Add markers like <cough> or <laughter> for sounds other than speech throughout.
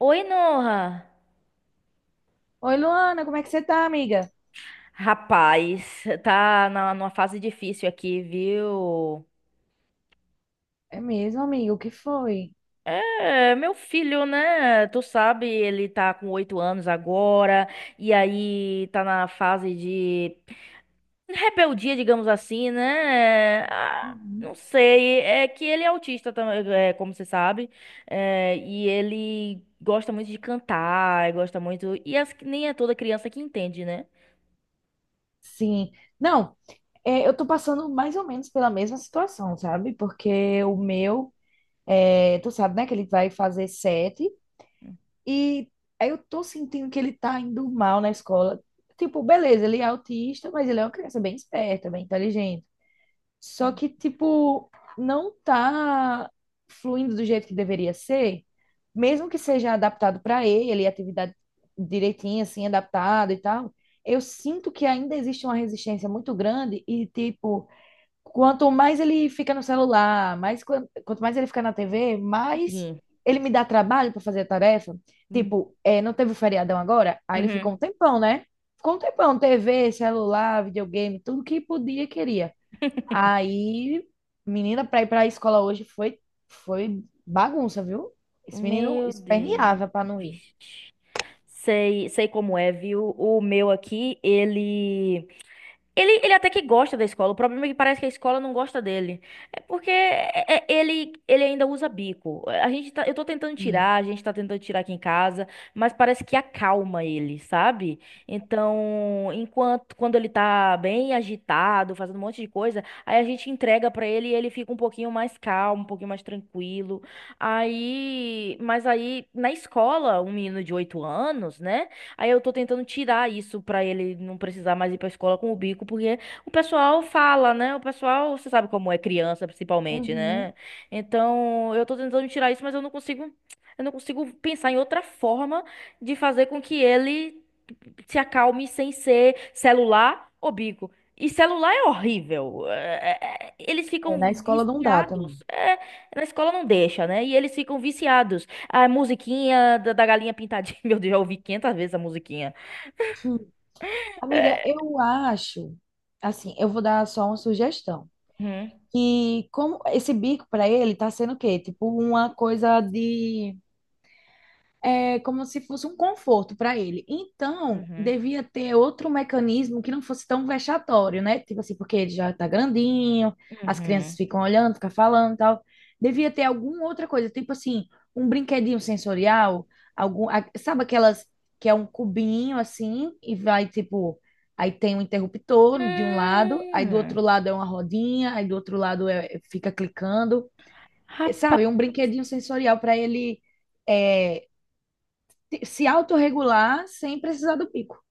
Oi, Noha. Oi, Luana, como é que você tá, amiga? Rapaz, tá numa fase difícil aqui, viu? É mesmo, amiga, o que foi? É, meu filho, né? Tu sabe, ele tá com oito anos agora, e aí tá na fase de rebeldia, digamos assim, né? Ah, não Uhum. sei, é que ele é autista também, como você sabe, e ele gosta muito de cantar, gosta muito. E nem é toda criança que entende, né? Sim. Não, é, eu tô passando mais ou menos pela mesma situação, sabe? Porque o meu, é, tu sabe, né, que ele vai fazer sete e aí eu tô sentindo que ele tá indo mal na escola. Tipo, beleza, ele é autista, mas ele é uma criança bem esperta, bem inteligente. Só que, tipo, não tá fluindo do jeito que deveria ser, mesmo que seja adaptado para ele, atividade direitinha, assim, adaptada e tal. Eu sinto que ainda existe uma resistência muito grande e, tipo, quanto mais ele fica no celular, mais, quanto mais ele fica na TV, mais Enfim. ele me dá trabalho para fazer a tarefa. Uhum. Tipo, é, não teve o feriadão agora? Aí ele ficou um tempão, né? Ficou um tempão, TV, celular, videogame, tudo que podia, e queria. Aí, menina, pra ir pra escola hoje foi bagunça, viu? Esse menino Meu Deus. esperneava pra não ir. Vixe. Sei, sei como é, viu? O meu aqui, ele. Ele até que gosta da escola, o problema é que parece que a escola não gosta dele. É porque ele, ele ainda usa bico. A gente tá, eu tô tentando Sim. tirar, a gente tá tentando tirar aqui em casa, mas parece que acalma ele, sabe? Então, enquanto quando ele tá bem agitado, fazendo um monte de coisa, aí a gente entrega pra ele e ele fica um pouquinho mais calmo, um pouquinho mais tranquilo. Aí, mas aí na escola, um menino de 8 anos, né? Aí eu tô tentando tirar isso pra ele não precisar mais ir pra escola com o bico, porque o pessoal fala, né? O pessoal, você sabe como é criança, principalmente, Uhum. né? Então, eu tô tentando tirar isso, mas eu não consigo pensar em outra forma de fazer com que ele se acalme sem ser celular ou bico. E celular é horrível. Eles É, na ficam escola não dá também. viciados. Na escola não deixa, né? E eles ficam viciados. A musiquinha da galinha pintadinha. <laughs> Meu Deus, já ouvi 500 vezes a musiquinha. Hum. Amiga, eu acho, assim, eu vou dar só uma sugestão. Uhum, Que como esse bico pra ele tá sendo o quê? Tipo uma coisa de é como se fosse um conforto para ele. Então, uhum, devia ter outro mecanismo que não fosse tão vexatório, né? Tipo assim, porque ele já tá grandinho, as crianças uhum. ficam olhando, ficam falando e tal. Devia ter alguma outra coisa, tipo assim, um brinquedinho sensorial, sabe aquelas que é um cubinho assim e vai tipo, aí tem um interruptor de um lado, aí do Hum, outro lado é uma rodinha, aí do outro lado fica clicando. É, rapaz, sabe? Um brinquedinho sensorial para ele é, se autorregular sem precisar do pico.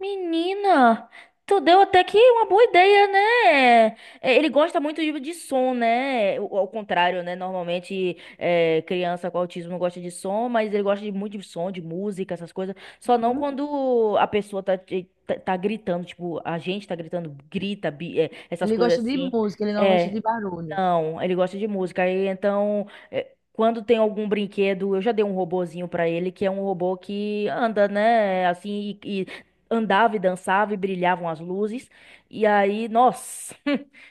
menina, tu deu até que uma boa ideia, né? É, ele gosta muito de som, né? O- Ao contrário, né? Normalmente, é, criança com autismo gosta de som, mas ele gosta de muito de som, de música, essas coisas. Só não Uhum. quando a pessoa tá, tá gritando, tipo, a gente tá gritando, grita, essas Ele coisas gosta de assim. música, ele não gosta É, de barulho. não, ele gosta de música. Aí, então, é, quando tem algum brinquedo, eu já dei um robozinho pra ele, que é um robô que anda, né? Assim, e andava e dançava e brilhavam as luzes. E aí, nossa,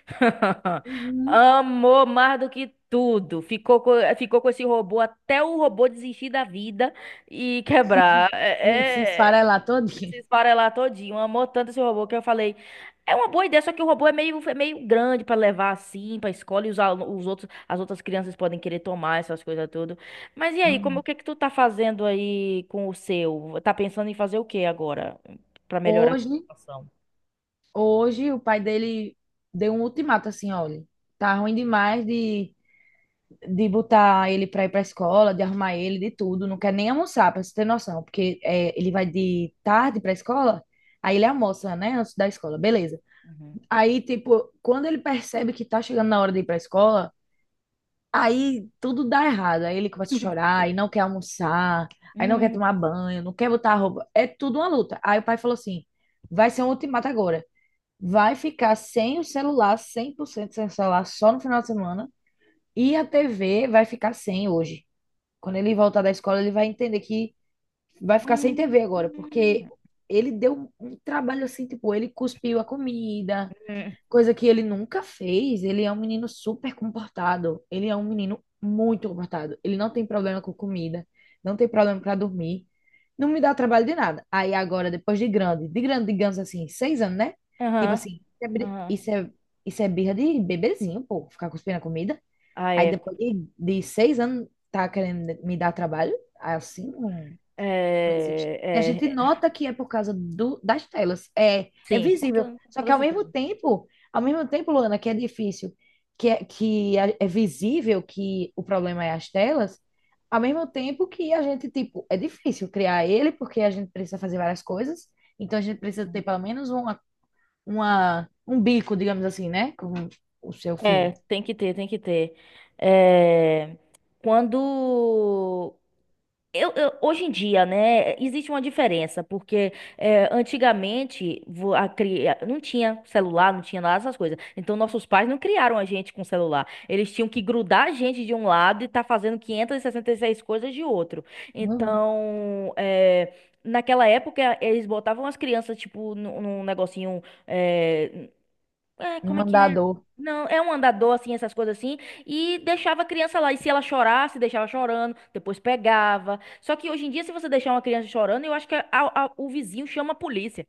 <laughs> Uhum. amou mais do que tudo. Ficou com esse robô até o robô desistir da vida e quebrar. E se esfarelar todinho. Se esfarelar todinho. Amou tanto esse robô que eu falei, é uma boa ideia, só que o robô é meio grande pra levar assim, pra escola, e os outros, as outras crianças podem querer tomar essas coisas tudo. Mas e aí, como o Uhum. que que tu tá fazendo aí com o seu? Tá pensando em fazer o que agora pra melhorar a sua Hoje, situação? hoje o pai dele deu um ultimato assim: olha, tá ruim demais de botar ele pra ir pra escola, de arrumar ele, de tudo, não quer nem almoçar, pra você ter noção, porque ele vai de tarde pra escola, aí ele almoça, né, antes da escola, beleza. Uhum. Aí, tipo, quando ele percebe que tá chegando na hora de ir pra escola, aí tudo dá errado. Aí ele começa a chorar, aí não quer almoçar, aí não quer Hum, tomar banho, não quer botar a roupa. É tudo uma luta. Aí o pai falou assim: vai ser um ultimato agora. Vai ficar sem o celular, 100% sem o celular, só no final de semana. E a TV vai ficar sem hoje. Quando ele voltar da escola, ele vai entender que vai ficar sem hum, TV agora, porque hum, ele deu um trabalho assim, tipo, ele cuspiu a comida, hum. coisa que ele nunca fez. Ele é um menino super comportado. Ele é um menino muito comportado. Ele não tem problema com comida, não tem problema para dormir, não me dá trabalho de nada. Aí agora, depois de grande, digamos assim, seis anos, né? Tipo Aham, assim, isso é, bri- aham. isso é, isso é birra de bebezinho, pô, ficar cuspindo a comida. Ah, Aí é. depois de seis anos, tá querendo me dar trabalho? Assim, não. Não existe. E a gente É, é, é. nota que é por causa do, das telas. É, é Sim, visível. Com Só que toda certeza. Ao mesmo tempo, Luana, que é difícil, que é visível que o problema é as telas, ao mesmo tempo que a gente, tipo, é difícil criar ele, porque a gente precisa fazer várias coisas. Então a gente precisa ter pelo menos um bico, digamos assim, né? Com o seu É, filho. tem que ter, tem que ter. É, quando. Hoje em dia, né, existe uma diferença, porque é, antigamente não tinha celular, não tinha nada dessas coisas. Então, nossos pais não criaram a gente com celular. Eles tinham que grudar a gente de um lado e tá fazendo 566 coisas de outro. Um, Então, é, naquela época, eles botavam as crianças, tipo, num negocinho. Um Como é que é? mandador. Não, é um andador, assim, essas coisas assim. E deixava a criança lá. E se ela chorasse, deixava chorando. Depois pegava. Só que hoje em dia, se você deixar uma criança chorando, eu acho que o vizinho chama a polícia.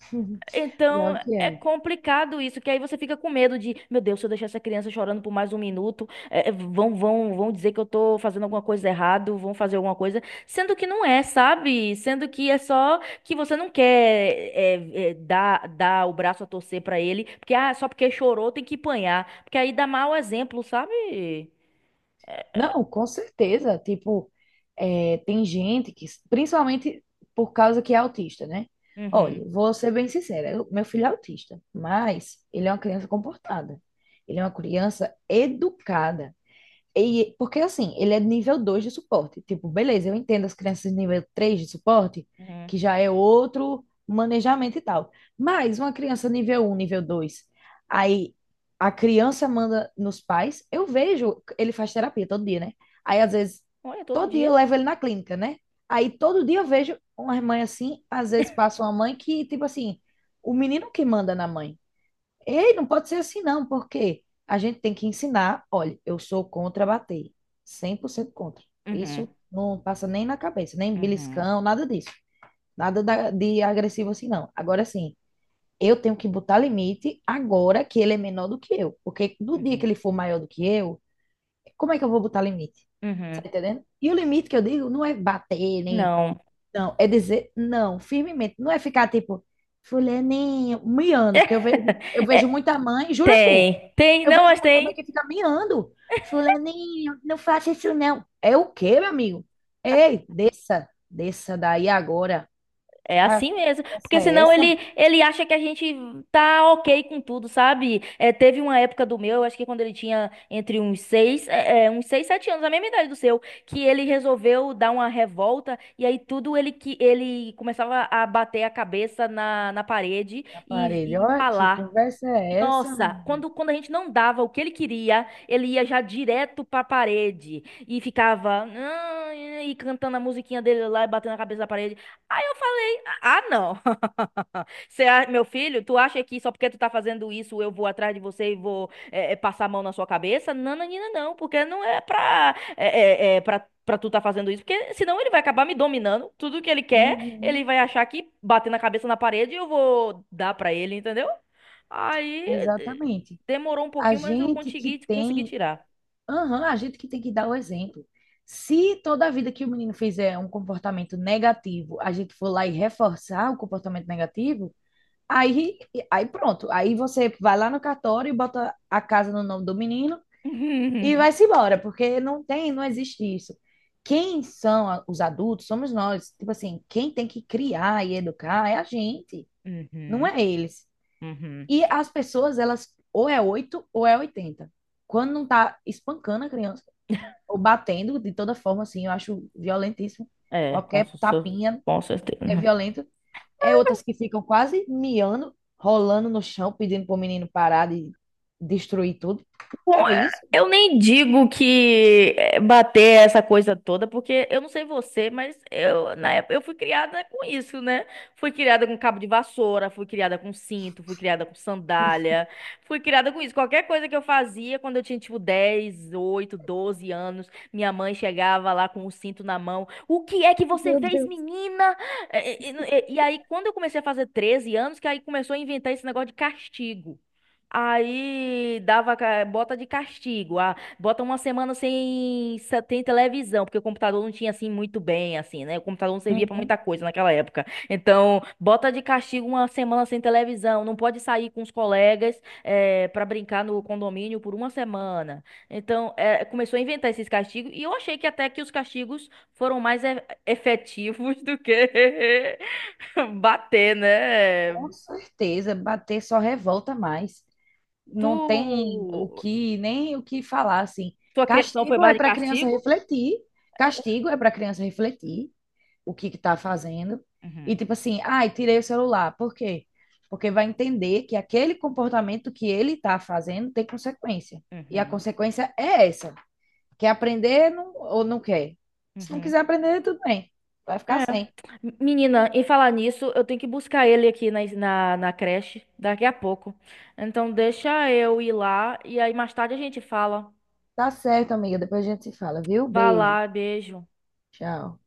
<laughs> Então Pior que é é. complicado isso, que aí você fica com medo de, meu Deus, se eu deixar essa criança chorando por mais um minuto, vão dizer que eu tô fazendo alguma coisa errado, vão fazer alguma coisa, sendo que não é, sabe? Sendo que é só que você não quer dar o braço a torcer pra ele, porque ah, só porque chorou tem que apanhar, porque aí dá mau exemplo, sabe? Não, com certeza. Tipo, é, tem gente que, principalmente por causa que é autista, né? Olha, Uhum, vou ser bem sincera, eu- meu filho é autista, mas ele é uma criança comportada. Ele é uma criança educada. E, porque assim, ele é de nível 2 de suporte. Tipo, beleza, eu entendo as crianças de nível 3 de suporte, uhum. que já é outro manejamento e tal. Mas uma criança nível um, nível 2, aí a criança manda nos pais, eu vejo, ele faz terapia todo dia, né? Aí às vezes, Olha, todo todo dia dia. eu levo ele na clínica, né? Aí todo dia eu vejo uma mãe assim, às vezes <laughs> passa uma mãe que, tipo assim, o menino que manda na mãe. Ei, não pode ser assim não, porque a gente tem que ensinar. Olha, eu sou contra bater, 100% contra. Uhum, Isso não passa nem na cabeça, nem uhum, beliscão, nada disso. Nada de agressivo assim não. Agora sim, eu tenho que botar limite agora que ele é menor do que eu, porque no dia que uhum, ele for maior do que eu, como é que eu vou botar limite? Tá uhum. entendendo? E o limite que eu digo não é bater, nem. Não. Não, é dizer não, firmemente. Não é ficar tipo, fulaninho, miando, porque eu <laughs> vejo muita mãe, jura tu, Tem, tem, eu não, vejo mas muita mãe tem. que fica miando. Fulaninho, não faça isso não. É o quê, meu amigo? Ei, desça daí agora. É Tá, que assim mesmo, conversa porque é senão essa, mãe, ele acha que a gente tá ok com tudo, sabe? É, teve uma época do meu, eu acho que quando ele tinha entre uns seis, uns seis, sete anos, a mesma idade do seu, que ele resolveu dar uma revolta e aí tudo ele que ele começava a bater a cabeça na parede na parede? e Olha, que falar. conversa é essa, Nossa, menina? Quando a gente não dava o que ele queria, ele ia já direto pra parede e ficava "Ah", e cantando a musiquinha dele lá e batendo a cabeça na parede. Aí eu falei, ah, não. <laughs> Meu filho, tu acha que só porque tu tá fazendo isso eu vou atrás de você e vou passar a mão na sua cabeça? Não, não, não, não, porque não é pra, pra tu tá fazendo isso, porque senão ele vai acabar me dominando. Tudo que ele quer, ele Uhum, vai achar que bater na cabeça na parede e eu vou dar pra ele, entendeu? Aí eh, exatamente. demorou um A pouquinho, mas eu gente que consegui, consegui tem, tirar. aham, a gente que tem que dar o exemplo. Se toda a vida que o menino fizer um comportamento negativo, a gente for lá e reforçar o comportamento negativo, Aí, aí pronto. Aí você vai lá no cartório e bota a casa no nome do menino e <laughs> vai-se embora, porque não tem, não existe isso. Quem são os adultos somos nós. Tipo assim, quem tem que criar e educar é a gente, não Uhum, é eles. uhum. E as pessoas, elas ou é 8 ou é 80. Quando não tá espancando a criança, ou batendo de toda forma, assim, eu acho violentíssimo. É, com, Qualquer cer- tapinha com é certeza. violento. É outras que ficam quase miando, rolando no chão, pedindo pro menino parar de destruir tudo. Que Bom, é é, isso? eu nem digo que é, bater essa coisa toda, porque eu não sei você, mas eu na época eu fui criada com isso, né? Fui criada com cabo de vassoura, fui criada com cinto, fui criada com sandália, fui criada com isso. Qualquer coisa que eu fazia quando eu tinha tipo 10, 8, 12 anos, minha mãe chegava lá com o cinto na mão. O que é que você Meu fez, Deus. menina? É, é, e aí quando eu comecei a fazer 13 anos, que aí começou a inventar esse negócio de castigo. Aí dava, bota de castigo, ah, bota uma semana sem televisão, porque o computador não tinha assim muito bem, assim, né? O computador não servia pra muita Uhum. coisa naquela época. Então, bota de castigo uma semana sem televisão, não pode sair com os colegas pra brincar no condomínio por uma semana. Então, começou a inventar esses castigos e eu achei que até que os castigos foram mais efetivos do que <laughs> bater, Com né? certeza, bater só revolta mais. Tu. Não tem o que, nem o que falar, assim. Sua criação foi Castigo mais é de para criança castigo? refletir. Castigo é para criança refletir o que que tá fazendo. E Uhum, tipo assim, ai, tirei o celular. Por quê? Porque vai entender que aquele comportamento que ele tá fazendo tem consequência. E a uhum, consequência é essa. Quer aprender ou não quer? Se não uhum. quiser aprender, tudo bem. Vai ficar É. sem. Menina, em falar nisso, eu tenho que buscar ele aqui na creche daqui a pouco. Então, deixa eu ir lá e aí mais tarde a gente fala. Tá certo, amiga. Depois a gente se fala, viu? Vá Beijo. lá, beijo. Tchau.